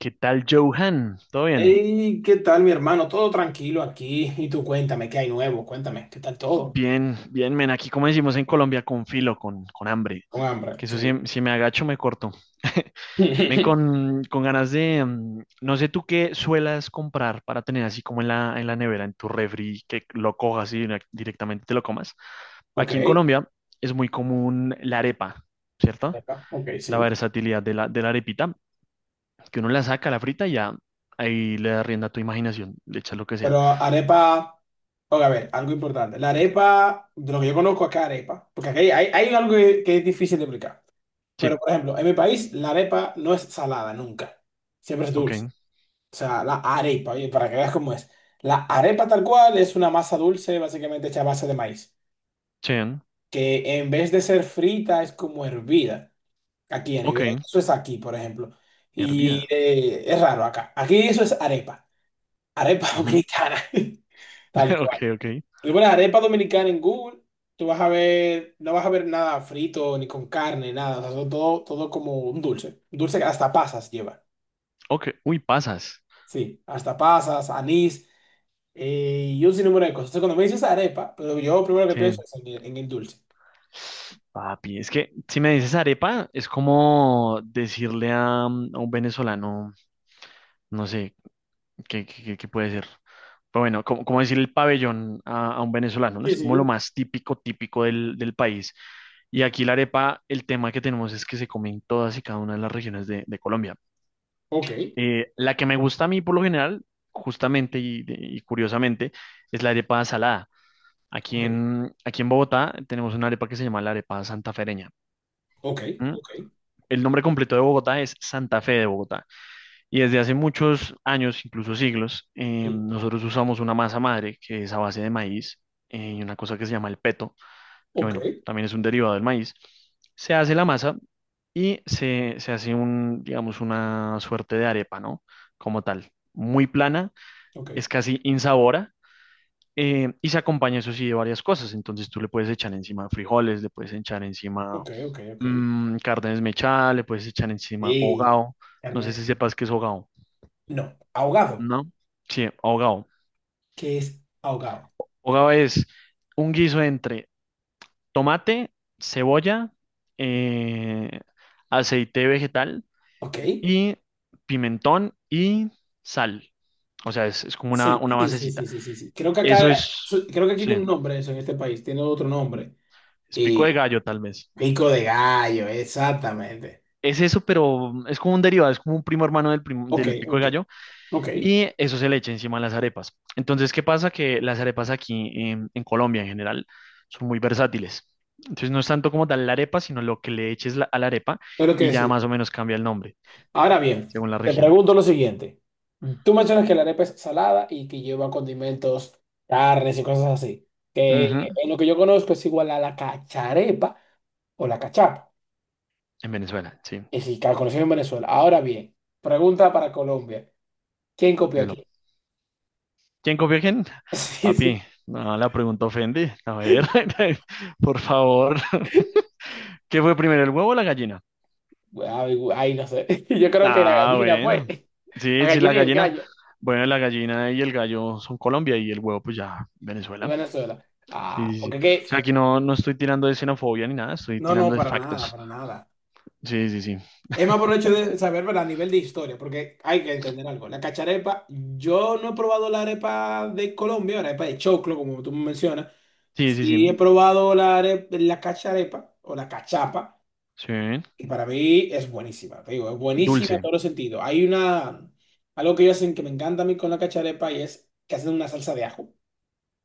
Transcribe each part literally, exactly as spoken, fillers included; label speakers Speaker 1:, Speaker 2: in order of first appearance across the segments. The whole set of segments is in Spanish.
Speaker 1: ¿Qué tal, Johan? ¿Todo bien?
Speaker 2: Hey, ¿qué tal, mi hermano? Todo tranquilo aquí. Y tú cuéntame, ¿qué hay nuevo? Cuéntame, ¿qué tal todo?
Speaker 1: Bien, bien, men. Aquí, como decimos en Colombia, con filo, con, con hambre.
Speaker 2: Con hambre,
Speaker 1: Que eso, si,
Speaker 2: sí.
Speaker 1: si me agacho, me corto. Men, con, con ganas de. mm, No sé tú qué suelas comprar para tener así como en la, en la nevera, en tu refri, que lo cojas y direc- directamente te lo comas.
Speaker 2: Ok,
Speaker 1: Aquí en Colombia es muy común la arepa, ¿cierto?
Speaker 2: arepa, ok,
Speaker 1: La
Speaker 2: sí.
Speaker 1: versatilidad de la, de la arepita, que uno la saca, la frita y ya ahí le da rienda a tu imaginación, le echas lo que sea.
Speaker 2: Pero arepa, ok, a ver, algo importante. La arepa, de lo que yo conozco acá, arepa, porque aquí hay, hay, hay algo que, que es difícil de explicar. Pero,
Speaker 1: Sí,
Speaker 2: por ejemplo, en mi país, la arepa no es salada nunca. Siempre es
Speaker 1: ok,
Speaker 2: dulce. O sea, la arepa, oye, para que veas cómo es. La arepa tal cual es una masa dulce, básicamente hecha a base de maíz,
Speaker 1: sí.
Speaker 2: que en vez de ser frita es como hervida. Aquí a
Speaker 1: Ok,
Speaker 2: nivel, eso es aquí, por ejemplo. Y
Speaker 1: hervida.
Speaker 2: eh, es raro acá. Aquí eso es arepa, arepa
Speaker 1: Ujú.
Speaker 2: dominicana, tal cual.
Speaker 1: Ok, ok.
Speaker 2: Y bueno, arepa dominicana en Google, tú vas a ver, no vas a ver nada frito ni con carne, nada, o sea, todo, todo todo como un dulce, un dulce que hasta pasas lleva.
Speaker 1: Ok, uy, pasas.
Speaker 2: Sí, hasta pasas, anís, eh, y un sinnúmero de cosas. Entonces, cuando me dices arepa, pero yo primero que
Speaker 1: Sí,
Speaker 2: pienso es en el, en el dulce.
Speaker 1: papi, es que si me dices arepa, es como decirle a, mm, a un venezolano, no sé, qué, qué- qué- qué puede ser. Pero bueno, como, como decir el pabellón a, a un venezolano, ¿no?
Speaker 2: Sí,
Speaker 1: Es como lo
Speaker 2: sí.
Speaker 1: más típico, típico del, del país. Y aquí la arepa, el tema que tenemos es que se come en todas y cada una de las regiones de, de Colombia.
Speaker 2: Ok,
Speaker 1: Eh, la que me gusta a mí por lo general, justamente y y curiosamente, es la arepa salada. Aquí
Speaker 2: ok,
Speaker 1: en, aquí en Bogotá tenemos una arepa que se llama la arepa santafereña.
Speaker 2: ok,
Speaker 1: ¿M?
Speaker 2: ok.
Speaker 1: El nombre completo de Bogotá es Santa Fe de Bogotá. Y desde hace muchos años, incluso siglos, eh,
Speaker 2: Sí.
Speaker 1: nosotros usamos una masa madre que es a base de maíz eh, y una cosa que se llama el peto, que
Speaker 2: Ok,
Speaker 1: bueno, también es un derivado del maíz. Se hace la masa y se, se hace un, digamos, una suerte de arepa, ¿no? Como tal, muy plana,
Speaker 2: ok,
Speaker 1: es casi insabora eh, y se acompaña, eso sí, de varias cosas. Entonces tú le puedes echar encima frijoles, le puedes echar encima
Speaker 2: ok, ok, ok.
Speaker 1: mm, carne desmechada, le puedes echar encima
Speaker 2: Y
Speaker 1: hogao. No sé si
Speaker 2: carne,
Speaker 1: sepas qué es hogao,
Speaker 2: no, ahogado,
Speaker 1: ¿no? Sí, hogao.
Speaker 2: que es ahogado,
Speaker 1: Hogao es un guiso entre tomate, cebolla, eh, aceite vegetal
Speaker 2: ¿ok?
Speaker 1: y pimentón y sal. O sea, es, es como una,
Speaker 2: Sí,
Speaker 1: una
Speaker 2: sí, sí,
Speaker 1: basecita.
Speaker 2: sí, sí, sí, sí. Creo que acá,
Speaker 1: Eso es,
Speaker 2: su- creo que aquí
Speaker 1: sí,
Speaker 2: tiene un nombre eso en este país, tiene otro nombre.
Speaker 1: es pico de
Speaker 2: Y
Speaker 1: gallo tal vez.
Speaker 2: pico de gallo, exactamente.
Speaker 1: Es eso, pero es como un derivado, es como un primo hermano del, prim-
Speaker 2: Ok,
Speaker 1: del pico de
Speaker 2: ok,
Speaker 1: gallo
Speaker 2: ok. Es
Speaker 1: y eso se le echa encima a las arepas. Entonces, ¿qué pasa? Que las arepas aquí en, en Colombia en general son muy versátiles. Entonces, no es tanto como tal la arepa, sino lo que le eches la- a la arepa
Speaker 2: lo que
Speaker 1: y ya
Speaker 2: decir.
Speaker 1: más o menos cambia el nombre
Speaker 2: Ahora bien,
Speaker 1: según la
Speaker 2: te
Speaker 1: región.
Speaker 2: pregunto lo siguiente. Tú mencionas que la arepa es salada y que lleva condimentos, carnes y cosas así. Que
Speaker 1: Ujú,
Speaker 2: en lo que yo conozco es igual a la cacharepa o la cachapa.
Speaker 1: en Venezuela, sí.
Speaker 2: Y sí, calculación en Venezuela. Ahora bien, pregunta para Colombia. ¿Quién copió
Speaker 1: Dímelo.
Speaker 2: aquí?
Speaker 1: ¿Quién copió a quién?
Speaker 2: Sí, sí.
Speaker 1: Papi, no, la pregunta ofende. A ver, por favor. ¿Qué fue primero, el huevo o la gallina?
Speaker 2: Ay, gu- ay, no sé. Yo creo que la
Speaker 1: Ah,
Speaker 2: gallina, pues.
Speaker 1: bueno.
Speaker 2: La
Speaker 1: Sí, sí, la
Speaker 2: gallina y el
Speaker 1: gallina.
Speaker 2: gallo
Speaker 1: Bueno, la gallina y el gallo son Colombia y el huevo, pues ya,
Speaker 2: de
Speaker 1: Venezuela.
Speaker 2: Venezuela.
Speaker 1: Sí,
Speaker 2: Ah,
Speaker 1: sí, sí.
Speaker 2: porque
Speaker 1: O
Speaker 2: qué.
Speaker 1: sea, aquí no, no estoy tirando de xenofobia ni nada, estoy
Speaker 2: No, no,
Speaker 1: tirando de
Speaker 2: para nada,
Speaker 1: factos.
Speaker 2: para nada.
Speaker 1: Sí, sí, sí.
Speaker 2: Es más por el hecho de saber, ¿verdad? A nivel de historia, porque hay que entender algo. La cacharepa, yo no he probado la arepa de Colombia, la arepa de choclo, como tú mencionas.
Speaker 1: Sí, sí, sí.
Speaker 2: Sí he probado la arepa, la cacharepa o la cachapa.
Speaker 1: Sí.
Speaker 2: Y para mí es buenísima, te digo, es buenísima en
Speaker 1: Dulce.
Speaker 2: todos los sentidos. Hay una, algo que ellos hacen que me encanta a mí con la cacharepa y es que hacen una salsa de ajo,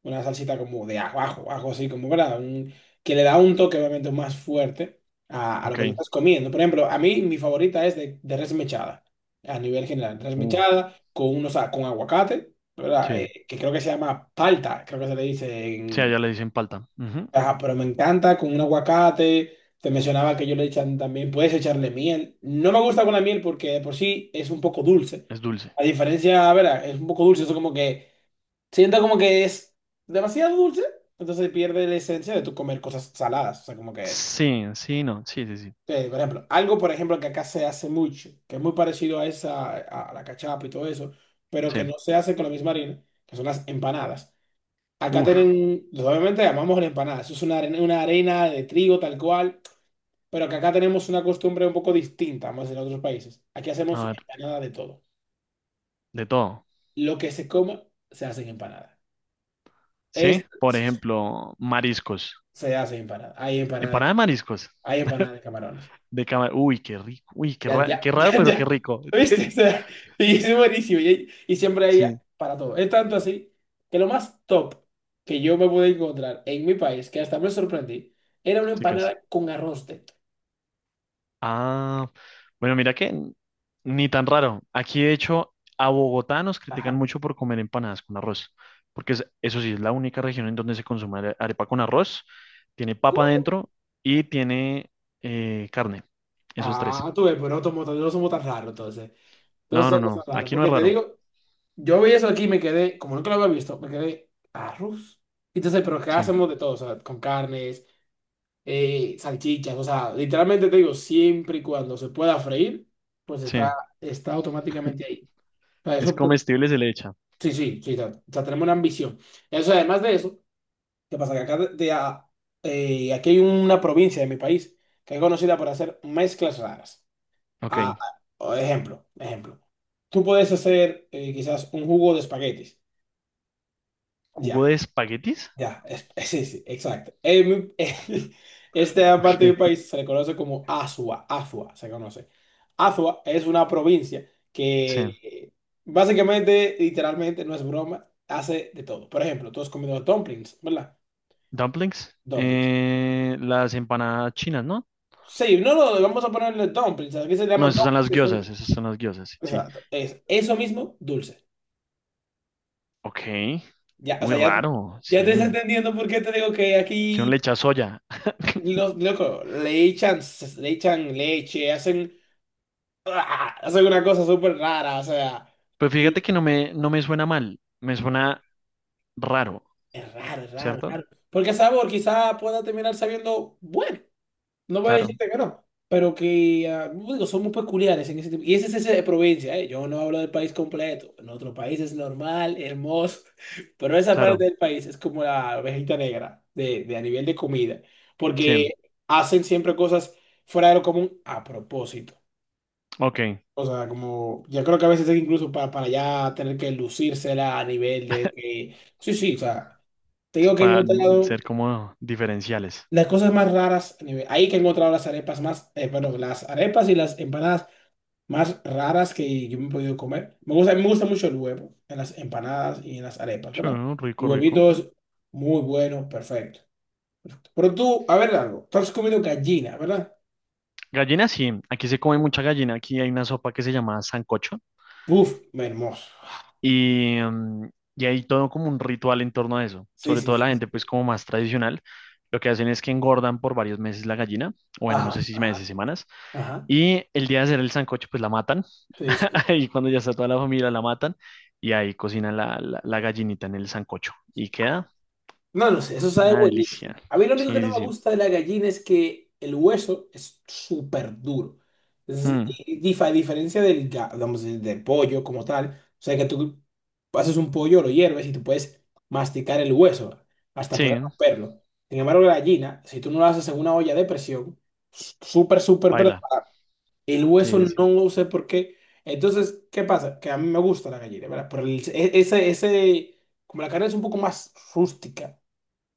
Speaker 2: una salsita como de ajo, ajo, ajo, así como, ¿verdad? Un- que le da un toque obviamente más fuerte a, a lo
Speaker 1: Ok.
Speaker 2: que te estás comiendo. Por ejemplo, a mí mi favorita es de, de res mechada, a nivel general, res
Speaker 1: Uh,
Speaker 2: mechada con, unos, a- con aguacate, ¿verdad?
Speaker 1: sí.
Speaker 2: Eh, que creo que se llama palta, creo que se le
Speaker 1: Sí,
Speaker 2: dice.
Speaker 1: allá le dicen palta. Ujú.
Speaker 2: Ajá, pero me encanta con un aguacate. Te mencionaba que yo le echan también, puedes echarle miel. No me gusta con la miel porque de por sí es un poco dulce.
Speaker 1: Es dulce.
Speaker 2: A diferencia, a ver, es un poco dulce, eso como que siento como que es demasiado dulce, entonces pierde la esencia de tu comer cosas saladas. O sea, como que,
Speaker 1: Sí, sí, no. Sí, sí, sí.
Speaker 2: eh, por ejemplo, algo, por ejemplo, que acá se hace mucho, que es muy parecido a esa, a a la cachapa y todo eso, pero que no
Speaker 1: Sí.
Speaker 2: se hace con la misma harina, que son las empanadas. Acá
Speaker 1: Uf,
Speaker 2: tienen, obviamente llamamos la empanada, eso es una arena, una arena de trigo tal cual, pero que acá tenemos una costumbre un poco distinta, más en otros países. Aquí
Speaker 1: a
Speaker 2: hacemos
Speaker 1: ver,
Speaker 2: empanada de todo.
Speaker 1: de todo.
Speaker 2: Lo que se coma, se hace en empanada.
Speaker 1: Sí.
Speaker 2: Es,
Speaker 1: Por ejemplo, mariscos.
Speaker 2: se hace en empanada. Hay empanada de,
Speaker 1: Empanada de mariscos.
Speaker 2: hay empanada de camarones.
Speaker 1: De cámara. Uy, qué rico. Uy, qué,
Speaker 2: Ya, ya,
Speaker 1: ra- qué
Speaker 2: ya,
Speaker 1: raro, pero qué
Speaker 2: ya.
Speaker 1: rico. Te-
Speaker 2: ¿Viste? O sea, y es buenísimo. Y, y siempre hay
Speaker 1: sí,
Speaker 2: para todo. Es tanto así que lo más top que yo me pude encontrar en mi país, que hasta me sorprendí, era una
Speaker 1: sí, casi.
Speaker 2: empanada con arroz dentro.
Speaker 1: Ah, bueno, mira que n- ni tan raro. Aquí, de hecho, a Bogotá nos critican
Speaker 2: Ajá.
Speaker 1: mucho por comer empanadas con arroz, porque es- eso sí, es la única región en donde se consume are- arepa con arroz, tiene papa dentro y tiene eh, carne. Esos tres.
Speaker 2: Ah, tú ves, pero no somos, tan- no somos tan raros entonces. No
Speaker 1: No, no,
Speaker 2: somos
Speaker 1: no,
Speaker 2: tan raros.
Speaker 1: aquí no es
Speaker 2: Porque te
Speaker 1: raro.
Speaker 2: digo, yo vi eso aquí y me quedé, como nunca lo había visto, me quedé arroz. Entonces, pero ¿qué
Speaker 1: Sí,
Speaker 2: hacemos de todo? O sea, con carnes, eh, salchichas, o sea, literalmente te digo, siempre y cuando se pueda freír, pues
Speaker 1: sí.
Speaker 2: está, está automáticamente ahí. O sea,
Speaker 1: Si es
Speaker 2: eso por...
Speaker 1: comestible, se le echa.
Speaker 2: Sí, sí, sí, o sea, o sea, tenemos una ambición. Eso, además de eso, ¿qué pasa? Que acá de, de a- eh, aquí hay una provincia de mi país que es conocida por hacer mezclas raras. Ah,
Speaker 1: Ok.
Speaker 2: ah, ejemplo, ejemplo. Tú puedes hacer eh, quizás un jugo de espaguetis. Ya,
Speaker 1: ¿Jugo de espaguetis?
Speaker 2: ya, es- sí, sí, exacto. En mi- esta parte del
Speaker 1: Ok.
Speaker 2: país se le conoce como Azua, Azua se conoce. Azua es una provincia
Speaker 1: Sí.
Speaker 2: que eh, básicamente, literalmente, no es broma, hace de todo. Por ejemplo, tú has comido dumplings, ¿verdad?
Speaker 1: Dumplings.
Speaker 2: Dumplings.
Speaker 1: Eh, las empanadas chinas, ¿no?
Speaker 2: Sí, no, no, vamos a ponerle dumplings. Aquí se
Speaker 1: No,
Speaker 2: llama
Speaker 1: esas son
Speaker 2: dumplings,
Speaker 1: las
Speaker 2: que son...
Speaker 1: gyozas, esas son las gyozas, sí. Sí.
Speaker 2: Exacto. Es eso mismo, dulce.
Speaker 1: Ok,
Speaker 2: Ya, o
Speaker 1: muy
Speaker 2: sea, ya,
Speaker 1: raro,
Speaker 2: ya te está
Speaker 1: sí.
Speaker 2: entendiendo por qué te digo que
Speaker 1: Que uno
Speaker 2: aquí,
Speaker 1: le echa soya.
Speaker 2: los, loco, le echan, le echan leche, hacen, ¡ah! Hacen una cosa súper rara, o sea,
Speaker 1: Pues
Speaker 2: y
Speaker 1: fíjate que no me, no me suena mal, me suena raro,
Speaker 2: es raro, es raro, es
Speaker 1: ¿cierto?
Speaker 2: raro. Porque el sabor quizá pueda terminar sabiendo bueno, no voy a
Speaker 1: Claro,
Speaker 2: decirte que no, pero que ah, digo, somos peculiares en ese tipo. Y ese es ese de provincia, ¿eh? Yo no hablo del país completo. En otro país es normal, hermoso, pero esa parte
Speaker 1: claro,
Speaker 2: del país es como la ovejita negra de, de a nivel de comida,
Speaker 1: sí.
Speaker 2: porque hacen siempre cosas fuera de lo común a propósito.
Speaker 1: Ok,
Speaker 2: O sea, como yo creo que a veces es incluso para, para ya tener que lucírsela a nivel de que, sí, sí, o sea, te digo
Speaker 1: sí,
Speaker 2: que he
Speaker 1: para
Speaker 2: encontrado
Speaker 1: ser como diferenciales.
Speaker 2: las cosas más raras, a nivel- ahí que he encontrado las arepas más, eh, bueno, las arepas y las empanadas más raras que yo me he podido comer. Me gusta, me gusta mucho el huevo en las empanadas y en las arepas,
Speaker 1: Sí,
Speaker 2: ¿verdad? El
Speaker 1: rico, rico.
Speaker 2: huevito es muy bueno, perfecto. Pero tú, a ver algo, tú has comido gallina, ¿verdad?
Speaker 1: Gallina, sí, aquí se come mucha gallina, aquí hay una sopa que se llama sancocho.
Speaker 2: Uf, hermoso.
Speaker 1: Y, mm, y hay todo como un ritual en torno a eso.
Speaker 2: Sí,
Speaker 1: Sobre
Speaker 2: sí,
Speaker 1: todo
Speaker 2: sí.
Speaker 1: la gente, pues como más tradicional, lo que hacen es que engordan por varios meses la gallina, o bueno, no sé
Speaker 2: Ajá,
Speaker 1: si meses,
Speaker 2: ajá,
Speaker 1: semanas,
Speaker 2: ajá.
Speaker 1: y el día de hacer el sancocho, pues la matan.
Speaker 2: Sí, sí.
Speaker 1: Y cuando ya está toda la familia, la matan y ahí cocinan la, la, la gallinita en el sancocho. Y queda
Speaker 2: No lo sé, eso sabe
Speaker 1: una delicia.
Speaker 2: buenísimo. A mí lo único que
Speaker 1: Sí,
Speaker 2: no
Speaker 1: sí,
Speaker 2: me
Speaker 1: sí.
Speaker 2: gusta de la gallina es que el hueso es súper duro. Es-
Speaker 1: Mm,
Speaker 2: y dif- a diferencia del, ga- vamos, del del pollo como tal, o sea que tú haces un pollo, lo hierves y tú puedes masticar el hueso hasta
Speaker 1: sí,
Speaker 2: poder romperlo. Sin embargo, la gallina, si tú no lo haces en una olla de presión, s- súper, súper
Speaker 1: baila.
Speaker 2: preparada, el
Speaker 1: Sí,
Speaker 2: hueso
Speaker 1: sí, sí.
Speaker 2: no lo sé por qué. Entonces, ¿qué pasa? Que a mí me gusta la gallina, ¿verdad? Por el- e- ese, ese, como la carne es un poco más rústica,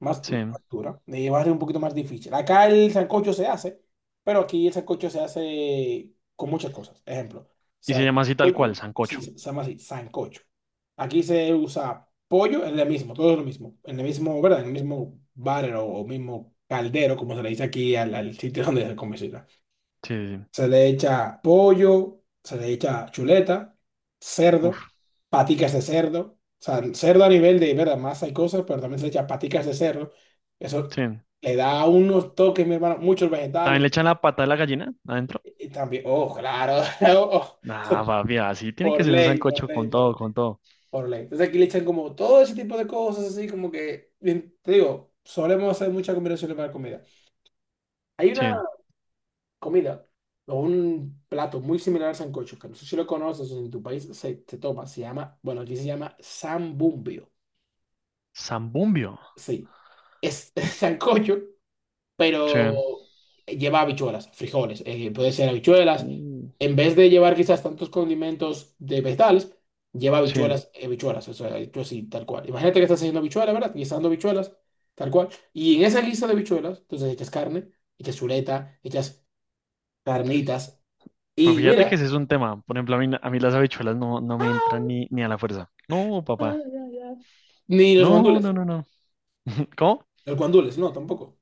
Speaker 2: más
Speaker 1: Sí.
Speaker 2: tu altura, dura, eh, va a ser un poquito más difícil. Acá el sancocho se hace, pero aquí el sancocho se hace con muchas cosas. Ejemplo, o
Speaker 1: Y
Speaker 2: sea,
Speaker 1: se llama así tal
Speaker 2: pollo,
Speaker 1: cual,
Speaker 2: sí,
Speaker 1: sancocho.
Speaker 2: se se llama así, sancocho. Aquí se usa pollo, es lo mismo, todo es lo mismo, en el mismo, ¿verdad? En el mismo barrel o, o mismo caldero, como se le dice aquí al, al sitio donde se cocina
Speaker 1: Sí, sí, sí.
Speaker 2: se le echa pollo, se le echa chuleta, cerdo,
Speaker 1: Uf,
Speaker 2: paticas de cerdo. O sea, el cerdo a nivel de, ¿verdad? Masa y cosas, pero también se le echa paticas de cerdo. Eso
Speaker 1: sí.
Speaker 2: le da unos toques, mi hermano, muchos
Speaker 1: También
Speaker 2: vegetales.
Speaker 1: le echan la pata de la gallina adentro.
Speaker 2: Y también, oh, claro, oh,
Speaker 1: Ah, papi, así tiene que
Speaker 2: por
Speaker 1: ser un
Speaker 2: ley, por
Speaker 1: sancocho
Speaker 2: ley,
Speaker 1: con
Speaker 2: por, ley,
Speaker 1: todo, con todo.
Speaker 2: por ley. Entonces aquí le echan como todo ese tipo de cosas así, como que, bien, te digo, solemos hacer muchas combinaciones para comida. Hay
Speaker 1: Sí.
Speaker 2: una, comida o un plato muy similar al sancocho, que no sé si lo conoces o si en tu país se, se toma, se llama, bueno, aquí se llama sambumbio.
Speaker 1: Zambumbio.
Speaker 2: Sí, es sancocho,
Speaker 1: Sí.
Speaker 2: pero lleva habichuelas, frijoles, eh, puede ser habichuelas.
Speaker 1: Uh,
Speaker 2: En vez de llevar quizás tantos condimentos de vegetales, lleva
Speaker 1: sí.
Speaker 2: habichuelas, eh, habichuelas, o sea, hecho así, tal cual. Imagínate que estás haciendo habichuelas, ¿verdad? Guisando habichuelas, tal cual. Y en esa guisa de habichuelas, entonces echas carne, echas chuleta, echas carnitas.
Speaker 1: Pero
Speaker 2: Y
Speaker 1: fíjate que
Speaker 2: mira,
Speaker 1: ese es un tema. Por ejemplo, a mí, a mí las habichuelas no, no me entran ni, ni a la fuerza. No,
Speaker 2: ah,
Speaker 1: papá.
Speaker 2: ya, ya. Ni los
Speaker 1: No,
Speaker 2: guandules.
Speaker 1: no, no, no. ¿Cómo?
Speaker 2: Los guandules, no, tampoco.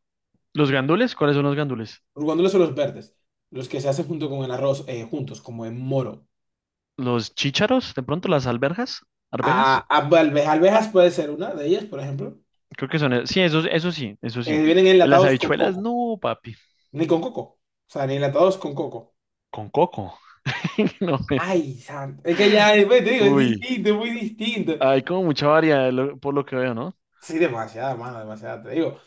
Speaker 1: ¿Los gandules? ¿Cuáles son los gandules?
Speaker 2: Los guandules son los verdes, los que se hacen junto con el arroz, eh, juntos, como en moro.
Speaker 1: ¿Los chícharos? ¿De pronto las alberjas?
Speaker 2: A,
Speaker 1: ¿Arvejas?
Speaker 2: a- alve- alvejas puede ser una de ellas, por ejemplo.
Speaker 1: Creo que son. e- Sí, eso, eso sí, eso
Speaker 2: Eh,
Speaker 1: sí.
Speaker 2: vienen
Speaker 1: Pues las
Speaker 2: enlatados con
Speaker 1: habichuelas,
Speaker 2: coco.
Speaker 1: no, papi.
Speaker 2: Ni con coco. O sea, ni enlatados con coco.
Speaker 1: Con coco. No, me-
Speaker 2: Ay, santo. Es que ya, eh, te digo, es
Speaker 1: uy.
Speaker 2: distinto, es muy distinto.
Speaker 1: Hay como mucha variedad, lo- por lo que veo, ¿no?
Speaker 2: Sí, demasiada, mano, demasiada, te digo.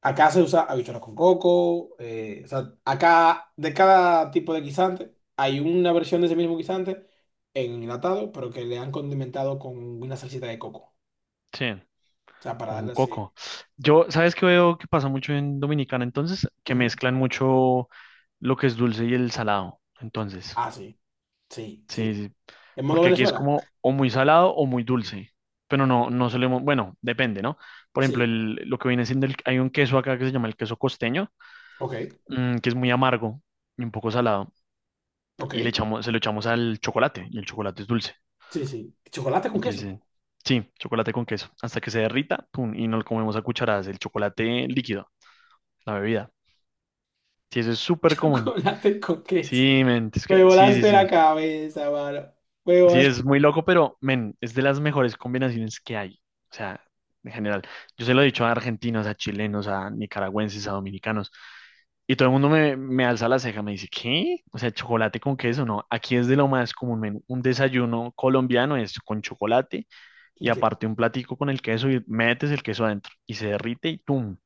Speaker 2: Acá se usa habichuelas con coco, eh, o sea, acá de cada tipo de guisante hay una versión de ese mismo guisante en enlatado, pero que le han condimentado con una salsita de coco.
Speaker 1: Sí.
Speaker 2: O sea, para
Speaker 1: Con
Speaker 2: darle así.
Speaker 1: coco. Yo, ¿sabes qué veo que pasa mucho en Dominicana? Entonces, que
Speaker 2: Ujú.
Speaker 1: mezclan mucho lo que es dulce y el salado. Entonces,
Speaker 2: Ah, sí, sí,
Speaker 1: sí,
Speaker 2: sí.
Speaker 1: sí,
Speaker 2: ¿En modo
Speaker 1: porque aquí es
Speaker 2: Venezuela?
Speaker 1: como o muy salado o muy dulce. Pero no, no solemos, bueno, depende, ¿no? Por ejemplo,
Speaker 2: Sí,
Speaker 1: el, lo que viene siendo, el, hay un queso acá que se llama el queso costeño,
Speaker 2: ok,
Speaker 1: mm, que es muy amargo y un poco salado,
Speaker 2: ok,
Speaker 1: y le echamos, se lo echamos al chocolate, y el chocolate es dulce.
Speaker 2: sí, sí. ¿Chocolate con queso?
Speaker 1: Entonces, sí, chocolate con queso, hasta que se derrita, pum, y nos lo comemos a cucharadas, el chocolate líquido, la bebida. Sí, eso es súper común.
Speaker 2: Chocolate con queso.
Speaker 1: Sí, men, es
Speaker 2: Me
Speaker 1: que, sí, sí,
Speaker 2: volaste
Speaker 1: sí.
Speaker 2: la cabeza, mano. Me
Speaker 1: Sí,
Speaker 2: volaste.
Speaker 1: es muy loco, pero, men, es de las mejores combinaciones que hay. O sea, en general. Yo se lo he dicho a argentinos, a chilenos, a nicaragüenses, a dominicanos. Y todo el mundo me, me alza la ceja, me dice, ¿qué? O sea, chocolate con queso, no. Aquí es de lo más común, men. Un desayuno colombiano es con chocolate y
Speaker 2: ¿Y qué?
Speaker 1: aparte un platico con el queso y metes el queso adentro y se derrite y ¡tum!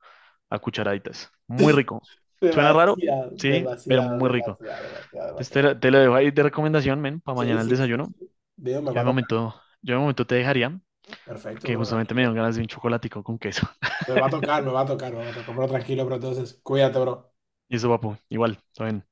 Speaker 1: A cucharaditas. Muy rico. Suena raro,
Speaker 2: Demasiado,
Speaker 1: sí, pero
Speaker 2: demasiado, demasiado,
Speaker 1: muy rico.
Speaker 2: demasiado,
Speaker 1: Entonces te,
Speaker 2: demasiado.
Speaker 1: la- te lo dejo ahí de recomendación, men, para
Speaker 2: Sí,
Speaker 1: mañana el
Speaker 2: sí, sí,
Speaker 1: desayuno.
Speaker 2: sí. Dios, me
Speaker 1: Yo
Speaker 2: va
Speaker 1: de
Speaker 2: a tocar.
Speaker 1: momento, yo de momento te dejaría,
Speaker 2: Perfecto,
Speaker 1: porque
Speaker 2: bro,
Speaker 1: justamente me dieron
Speaker 2: tranquilo.
Speaker 1: ganas de un chocolatico con queso.
Speaker 2: Me va a tocar, me va a tocar, me va a tocar, bro, tranquilo, bro. Entonces, cuídate, bro.
Speaker 1: Y eso, papu, igual, todo bien.